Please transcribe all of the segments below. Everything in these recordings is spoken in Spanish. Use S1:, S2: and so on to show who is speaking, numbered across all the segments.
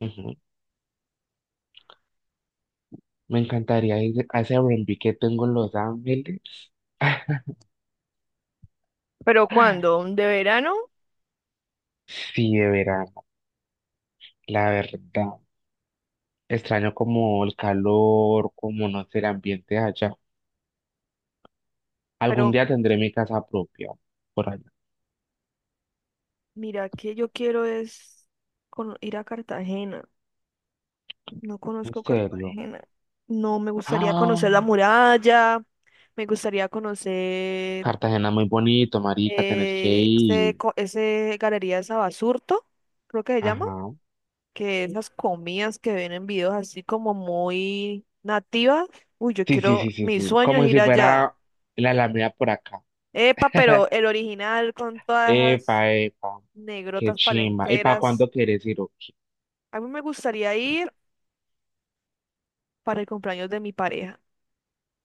S1: Ujú. Me encantaría ir a ese R&B que tengo en Los Ángeles.
S2: ¿Pero cuándo? ¿De verano?
S1: Sí, de verano, la verdad. Extraño como el calor, como no sé, el ambiente de allá. Algún
S2: Pero
S1: día tendré mi casa propia por allá.
S2: mira que yo quiero es ir a Cartagena. No
S1: En
S2: conozco
S1: serio.
S2: Cartagena. No, me gustaría conocer
S1: Ah,
S2: la muralla. Me gustaría conocer
S1: Cartagena muy bonito, marica, tenés que ir.
S2: ese Galería de Sabasurto, creo que se llama,
S1: Ajá.
S2: que esas comidas que ven en videos así como muy nativas. Uy, yo
S1: Sí, sí,
S2: quiero,
S1: sí, sí,
S2: mi
S1: sí.
S2: sueño es
S1: Como
S2: ir
S1: si
S2: allá.
S1: fuera la Alameda por acá.
S2: Epa, pero el original con todas esas
S1: Epa, epa. Qué
S2: negrotas
S1: chimba. ¿Y para
S2: palenqueras.
S1: cuándo quieres ir o qué?
S2: A mí me gustaría ir para el cumpleaños de mi pareja,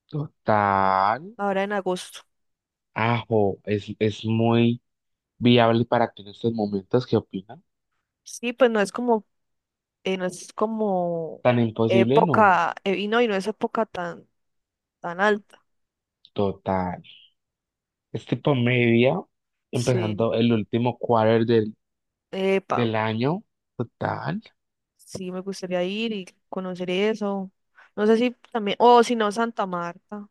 S1: Total.
S2: ahora en agosto.
S1: Ajo, es muy viable para ti en estos momentos, ¿qué opinas?
S2: Sí, pues no es como, no es como
S1: Tan imposible, no,
S2: época, y no es época tan, tan alta.
S1: total. Es tipo media,
S2: Sí,
S1: empezando el último quarter del,
S2: epa,
S1: del año, total.
S2: sí me gustaría ir y conocer eso. No sé si también, o si no, Santa Marta.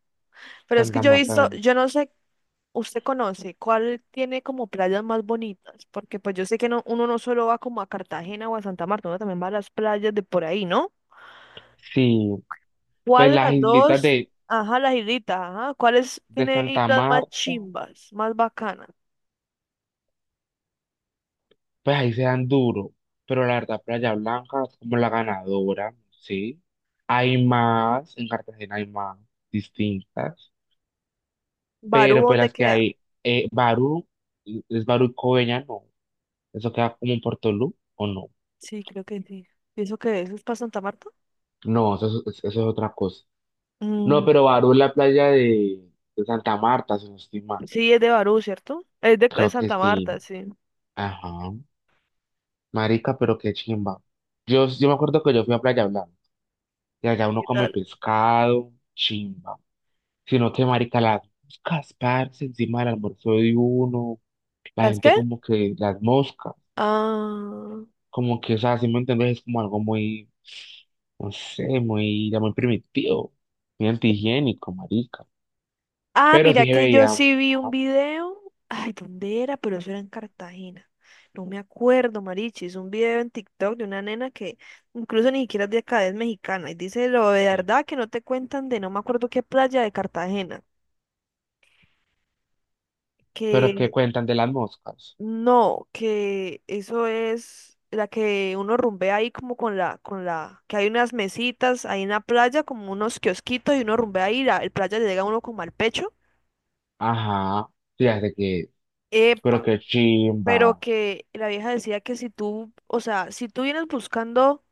S2: Pero es que
S1: Santa
S2: yo he
S1: Marta,
S2: visto, yo
S1: Venecia.
S2: no sé, usted conoce cuál tiene como playas más bonitas, porque pues yo sé que no, uno no solo va como a Cartagena o a Santa Marta, uno también va a las playas de por ahí, ¿no?
S1: Sí,
S2: ¿Cuál
S1: pues
S2: de las
S1: las islitas
S2: dos? Ajá, las hilitas, ajá. ¿Cuáles
S1: de
S2: tiene
S1: Santa
S2: hilas más
S1: Marta,
S2: chimbas, más bacanas?
S1: pues ahí se dan duro, pero la verdad, Playa Blanca es como la ganadora, ¿sí? Hay más, en Cartagena hay más distintas.
S2: ¿Barú
S1: Pero pues
S2: dónde
S1: las que
S2: queda?
S1: hay, Barú, es Barú y Coveñas, no, eso queda como en Puerto Portolú, ¿o no?
S2: Sí, creo que sí. Pienso que eso es para Santa Marta.
S1: No, eso es otra cosa. No,
S2: Mm,
S1: pero Barú es la playa de Santa Marta, si no estoy mal.
S2: sí, es de Barú, ¿cierto? Es
S1: Creo que
S2: Santa
S1: sí.
S2: Marta, sí.
S1: Ajá. Marica, pero qué chimba. Yo me acuerdo que yo fui a Playa Blanca y allá uno
S2: ¿Qué
S1: come
S2: tal?
S1: pescado, chimba. Sino que, marica, las moscas, parce, encima del almuerzo de uno, la
S2: ¿Las
S1: gente
S2: qué?
S1: como que las moscas.
S2: Ah.
S1: Como que, o sea, si me entendés, es como algo muy, no sé, muy, ya muy primitivo, muy antihigiénico, marica.
S2: Ah,
S1: Pero
S2: mira
S1: sí se
S2: que yo
S1: veía,
S2: sí vi un
S1: ajá,
S2: video. Ay, ¿dónde era? Pero eso era en Cartagena. No me acuerdo, Marichi. Es un video en TikTok de una nena que incluso ni siquiera es de acá, es mexicana. Y dice lo de
S1: sí.
S2: verdad que no te cuentan de no me acuerdo qué playa de Cartagena.
S1: Pero ¿qué
S2: Que
S1: cuentan de las moscas?
S2: no, que eso es la que uno rumbea ahí como que hay unas mesitas ahí en la playa, como unos kiosquitos y uno rumbea ahí, el playa le llega a uno como al pecho.
S1: Ajá, fíjate que, pero
S2: Epa,
S1: que
S2: pero
S1: chimba,
S2: que la vieja decía que si tú, o sea,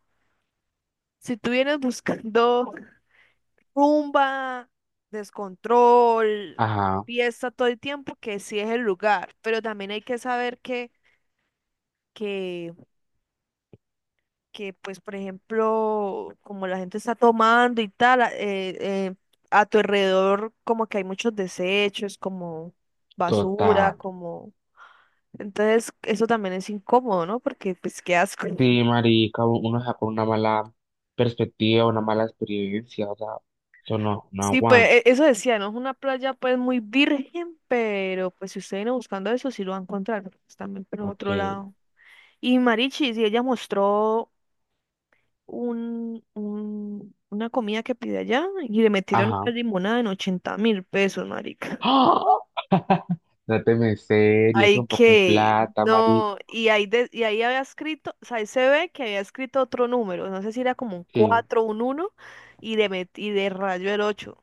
S2: si tú vienes buscando rumba, descontrol,
S1: ajá,
S2: fiesta todo el tiempo, que sí es el lugar, pero también hay que saber que, que pues, por ejemplo, como la gente está tomando y tal, eh, a tu alrededor como que hay muchos desechos, como basura,
S1: total.
S2: como... Entonces, eso también es incómodo, ¿no? Porque, pues, qué asco.
S1: Sí, marica, uno saca una mala perspectiva, una mala experiencia, o sea, eso no, no
S2: Sí, pues
S1: aguanta,
S2: eso decía, no es una playa pues muy virgen, pero pues si usted viene buscando eso, sí lo va a encontrar, porque pues, también por
S1: ok,
S2: otro lado. Y Marichi, sí, ella mostró una comida que pide allá y le metieron una
S1: ajá.
S2: limonada en 80.000 pesos, marica.
S1: ¡Ah! No te me serio, es
S2: Ay,
S1: un poco de
S2: que,
S1: plata, marica.
S2: no, y ahí, y ahí había escrito, o sea, ahí se ve que había escrito otro número, no sé si era como un 4 un uno y de, y de rayo el ocho.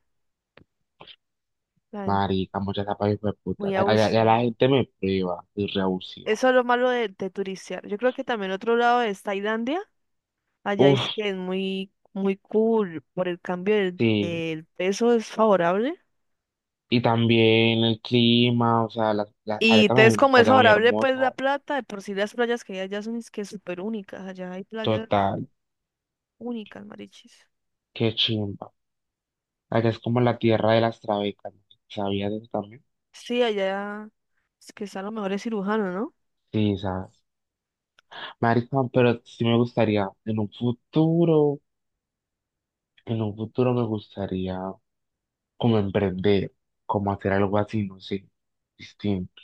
S2: La gente
S1: Marica, muchas tapas hijo de puta.
S2: muy abusiva.
S1: La gente me prueba y reabusiva.
S2: Eso es lo malo de turistear. Yo creo que también otro lado es Tailandia. Allá es
S1: Uf,
S2: que es muy, muy cool por el cambio
S1: sí.
S2: del peso, es favorable.
S1: Y también el clima, o sea, allá
S2: Y
S1: también hay
S2: entonces
S1: unas
S2: como es
S1: playas muy
S2: favorable, pues la
S1: hermosas.
S2: plata, de por sí las playas que hay allá son es que súper únicas. Allá hay playas
S1: Total,
S2: únicas, marichis.
S1: qué chimba. Allá es como la tierra de las trabecas, ¿no? ¿Sabías de eso también?
S2: Sí, allá es que están los mejores cirujanos, ¿no?
S1: Sí, sabes. Marica, pero sí me gustaría, en un futuro me gustaría como emprender, como hacer algo así, no sé, distinto.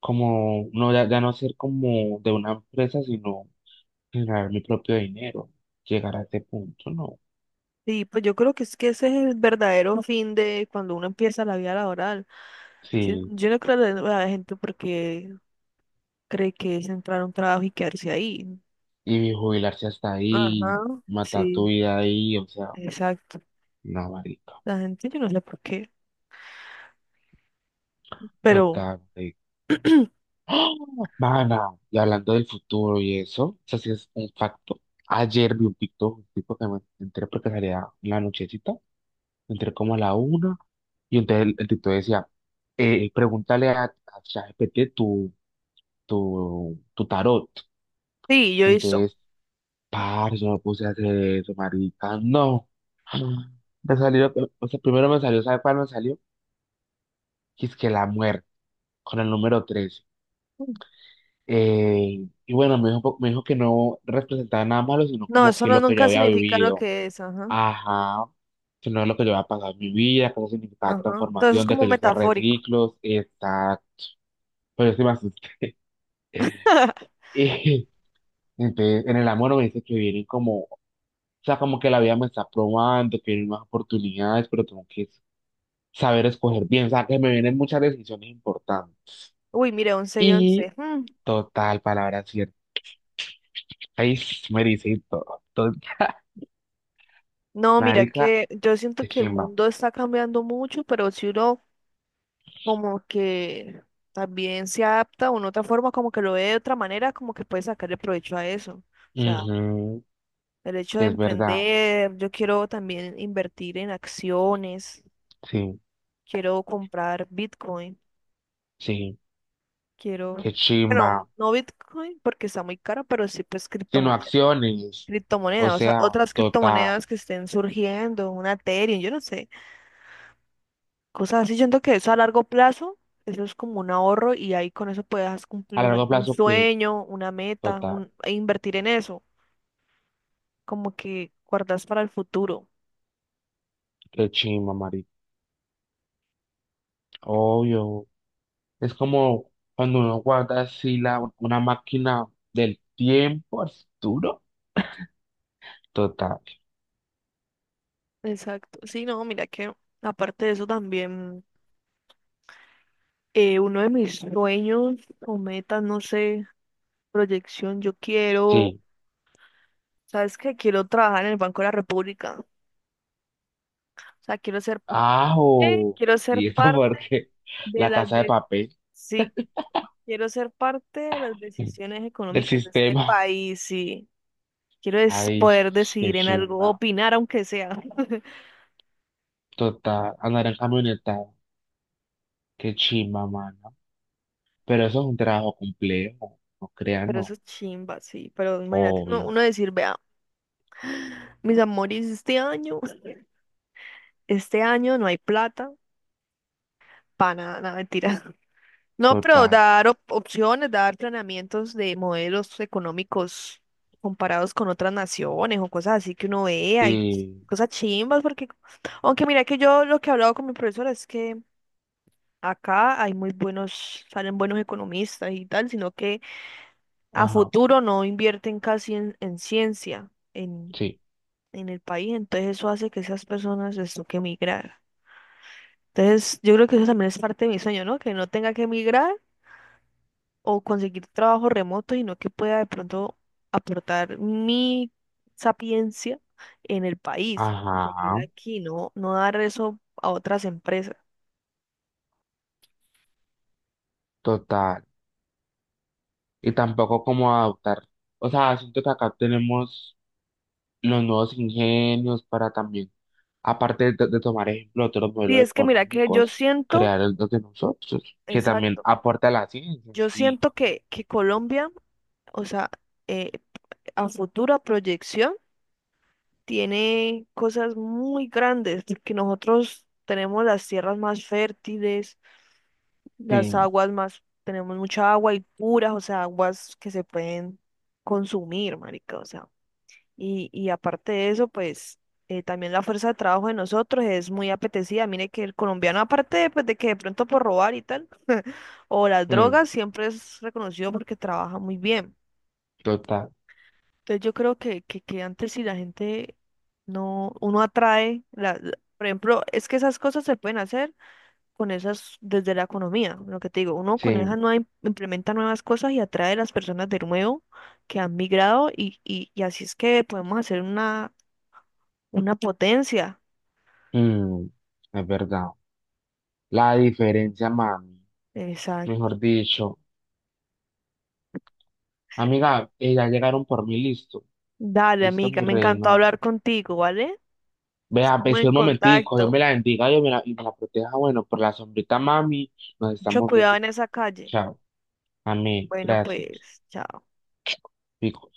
S1: Como, no, ya, ya no ser como de una empresa, sino generar mi propio dinero, llegar a ese punto, no.
S2: Sí, pues yo creo que es que ese es el verdadero fin de cuando uno empieza la vida laboral. Yo,
S1: Sí,
S2: yo no creo que la gente porque cree que es entrar a un trabajo y quedarse ahí.
S1: y jubilarse hasta
S2: Ajá,
S1: ahí, matar tu
S2: sí,
S1: vida ahí, o sea,
S2: exacto.
S1: no, marica,
S2: La gente, yo no sé por qué, pero
S1: total, marica. Mana, y hablando del futuro y eso sí es un facto. Ayer vi un TikTok, un tipo que me entré porque salía en la nochecita, entré como a la una, y entonces el TikTok decía, pregúntale a ChatGPT tu, tu, tu tarot.
S2: sí, yo hizo.
S1: Entonces parce, me puse a hacer eso, marica. No. Me salió, o sea, primero me salió, ¿sabe cuál me salió? Que es que la muerte, con el número 13. Y bueno, me dijo que no representaba nada malo, sino
S2: No,
S1: como
S2: eso
S1: que
S2: no
S1: lo que yo
S2: nunca
S1: había
S2: significa lo
S1: vivido.
S2: que es, ajá,
S1: Ajá. Que no es lo que yo había pasado en mi vida, que eso significaba
S2: ajá. Entonces es
S1: transformación, de
S2: como
S1: que yo sea
S2: metafórico.
S1: reciclos, está. Pero yo sí me asusté. Y entonces, en el amor me dice que vienen como, o sea, como que la vida me está probando, que vienen más oportunidades, pero tengo que saber escoger bien, o sea, que me vienen muchas decisiones importantes.
S2: Uy, mire, once y
S1: Y
S2: once mm.
S1: total, palabra cierta. Ahí sí me dice y todo. Total.
S2: No, mira
S1: Marica,
S2: que yo siento
S1: qué
S2: que el
S1: chimba.
S2: mundo está cambiando mucho, pero si uno como que también se adapta o en otra forma, como que lo ve de otra manera, como que puede sacarle provecho a eso. O sea,
S1: Ujú,
S2: el hecho de
S1: es verdad.
S2: emprender, yo quiero también invertir en acciones.
S1: Sí,
S2: Quiero comprar Bitcoin.
S1: sí,
S2: Quiero,
S1: qué
S2: bueno,
S1: chimba.
S2: no Bitcoin porque está muy caro, pero sí pues
S1: Sino
S2: criptomoneda.
S1: acciones. O
S2: Criptomoneda, o sea,
S1: sea,
S2: otras
S1: total.
S2: criptomonedas que estén surgiendo, una Ethereum, yo no sé. Cosas así, yo siento que eso a largo plazo, eso es como un ahorro y ahí con eso puedes
S1: A
S2: cumplir un,
S1: largo
S2: algún
S1: plazo, que
S2: sueño, una meta,
S1: total,
S2: un, e invertir en eso. Como que guardas para el futuro.
S1: qué chimba, marica. Obvio. Es como cuando uno guarda así la, una máquina del tiempo al futuro. Total.
S2: Exacto. Sí, no, mira que aparte de eso también, uno de mis sueños o metas, no sé, proyección, yo quiero,
S1: Sí,
S2: ¿sabes qué? Quiero trabajar en el Banco de la República. O sea,
S1: ajo.
S2: quiero ser
S1: Y esto
S2: parte
S1: porque
S2: de
S1: la
S2: las
S1: casa de
S2: de,
S1: papel
S2: sí, quiero ser parte de las decisiones
S1: del
S2: económicas de este
S1: sistema.
S2: país, sí. Quiero es
S1: Ay,
S2: poder
S1: qué
S2: decidir en algo,
S1: chimba.
S2: opinar aunque sea.
S1: Total, andar en camioneta, qué chimba, mano. Pero eso es un trabajo complejo, no crean,
S2: Pero eso
S1: no.
S2: es chimba, sí. Pero imagínate uno,
S1: Obvio,
S2: uno decir, vea, mis amores, este año no hay plata para nada, nada, mentira. No, pero
S1: total.
S2: dar opciones, dar planeamientos de modelos económicos comparados con otras naciones o cosas así que uno vea y
S1: Y,
S2: cosas chimbas, porque aunque mira que yo lo que he hablado con mi profesora es que acá hay muy buenos, salen buenos economistas y tal, sino que a
S1: ajá,
S2: futuro no invierten casi en ciencia
S1: sí,
S2: en el país, entonces eso hace que esas personas les toque emigrar. Entonces yo creo que eso también es parte de mi sueño, ¿no? Que no tenga que emigrar o conseguir trabajo remoto, sino que pueda de pronto aportar mi sapiencia en el país. Y se queda
S1: ajá,
S2: aquí, no, no dar eso a otras empresas.
S1: total. Y tampoco como adaptar. O sea, siento que acá tenemos los nuevos ingenios para también, aparte de tomar ejemplo de otros
S2: Sí,
S1: modelos
S2: es que mira que yo
S1: económicos,
S2: siento,
S1: crear el de nosotros, que también
S2: exacto,
S1: aporta a la ciencia.
S2: yo
S1: Y,
S2: siento que Colombia, o sea, eh, a futura proyección, tiene cosas muy grandes, que nosotros tenemos las tierras más fértiles. Las
S1: sí,
S2: aguas más, tenemos mucha agua y puras, o sea, aguas que se pueden consumir, marica, o sea. Y aparte de eso, pues también la fuerza de trabajo de nosotros es muy apetecida. Mire que el colombiano, aparte de, pues, de que de pronto por robar y tal, o las
S1: mm,
S2: drogas, siempre es reconocido porque trabaja muy bien.
S1: total,
S2: Entonces yo creo que antes si la gente no, uno atrae, por ejemplo, es que esas cosas se pueden hacer con esas desde la economía, lo que te digo, uno con esas
S1: sí,
S2: nuevas implementa nuevas cosas y atrae a las personas de nuevo que han migrado y así es que podemos hacer una potencia.
S1: mm, es verdad. La diferencia, mami,
S2: Exacto.
S1: mejor dicho. Amiga, ya llegaron por mí, listo,
S2: Dale,
S1: listo,
S2: amiga,
S1: mi
S2: me encantó
S1: reina.
S2: hablar contigo, ¿vale?
S1: Vea,
S2: Estamos
S1: espera
S2: en
S1: un momentico, Dios me
S2: contacto.
S1: la bendiga, Dios me la, y me la proteja. Bueno, por la sombrita, mami, nos
S2: Mucho
S1: estamos
S2: cuidado
S1: viendo.
S2: en esa calle.
S1: Chao, amén,
S2: Bueno,
S1: gracias.
S2: pues, chao.
S1: Pico.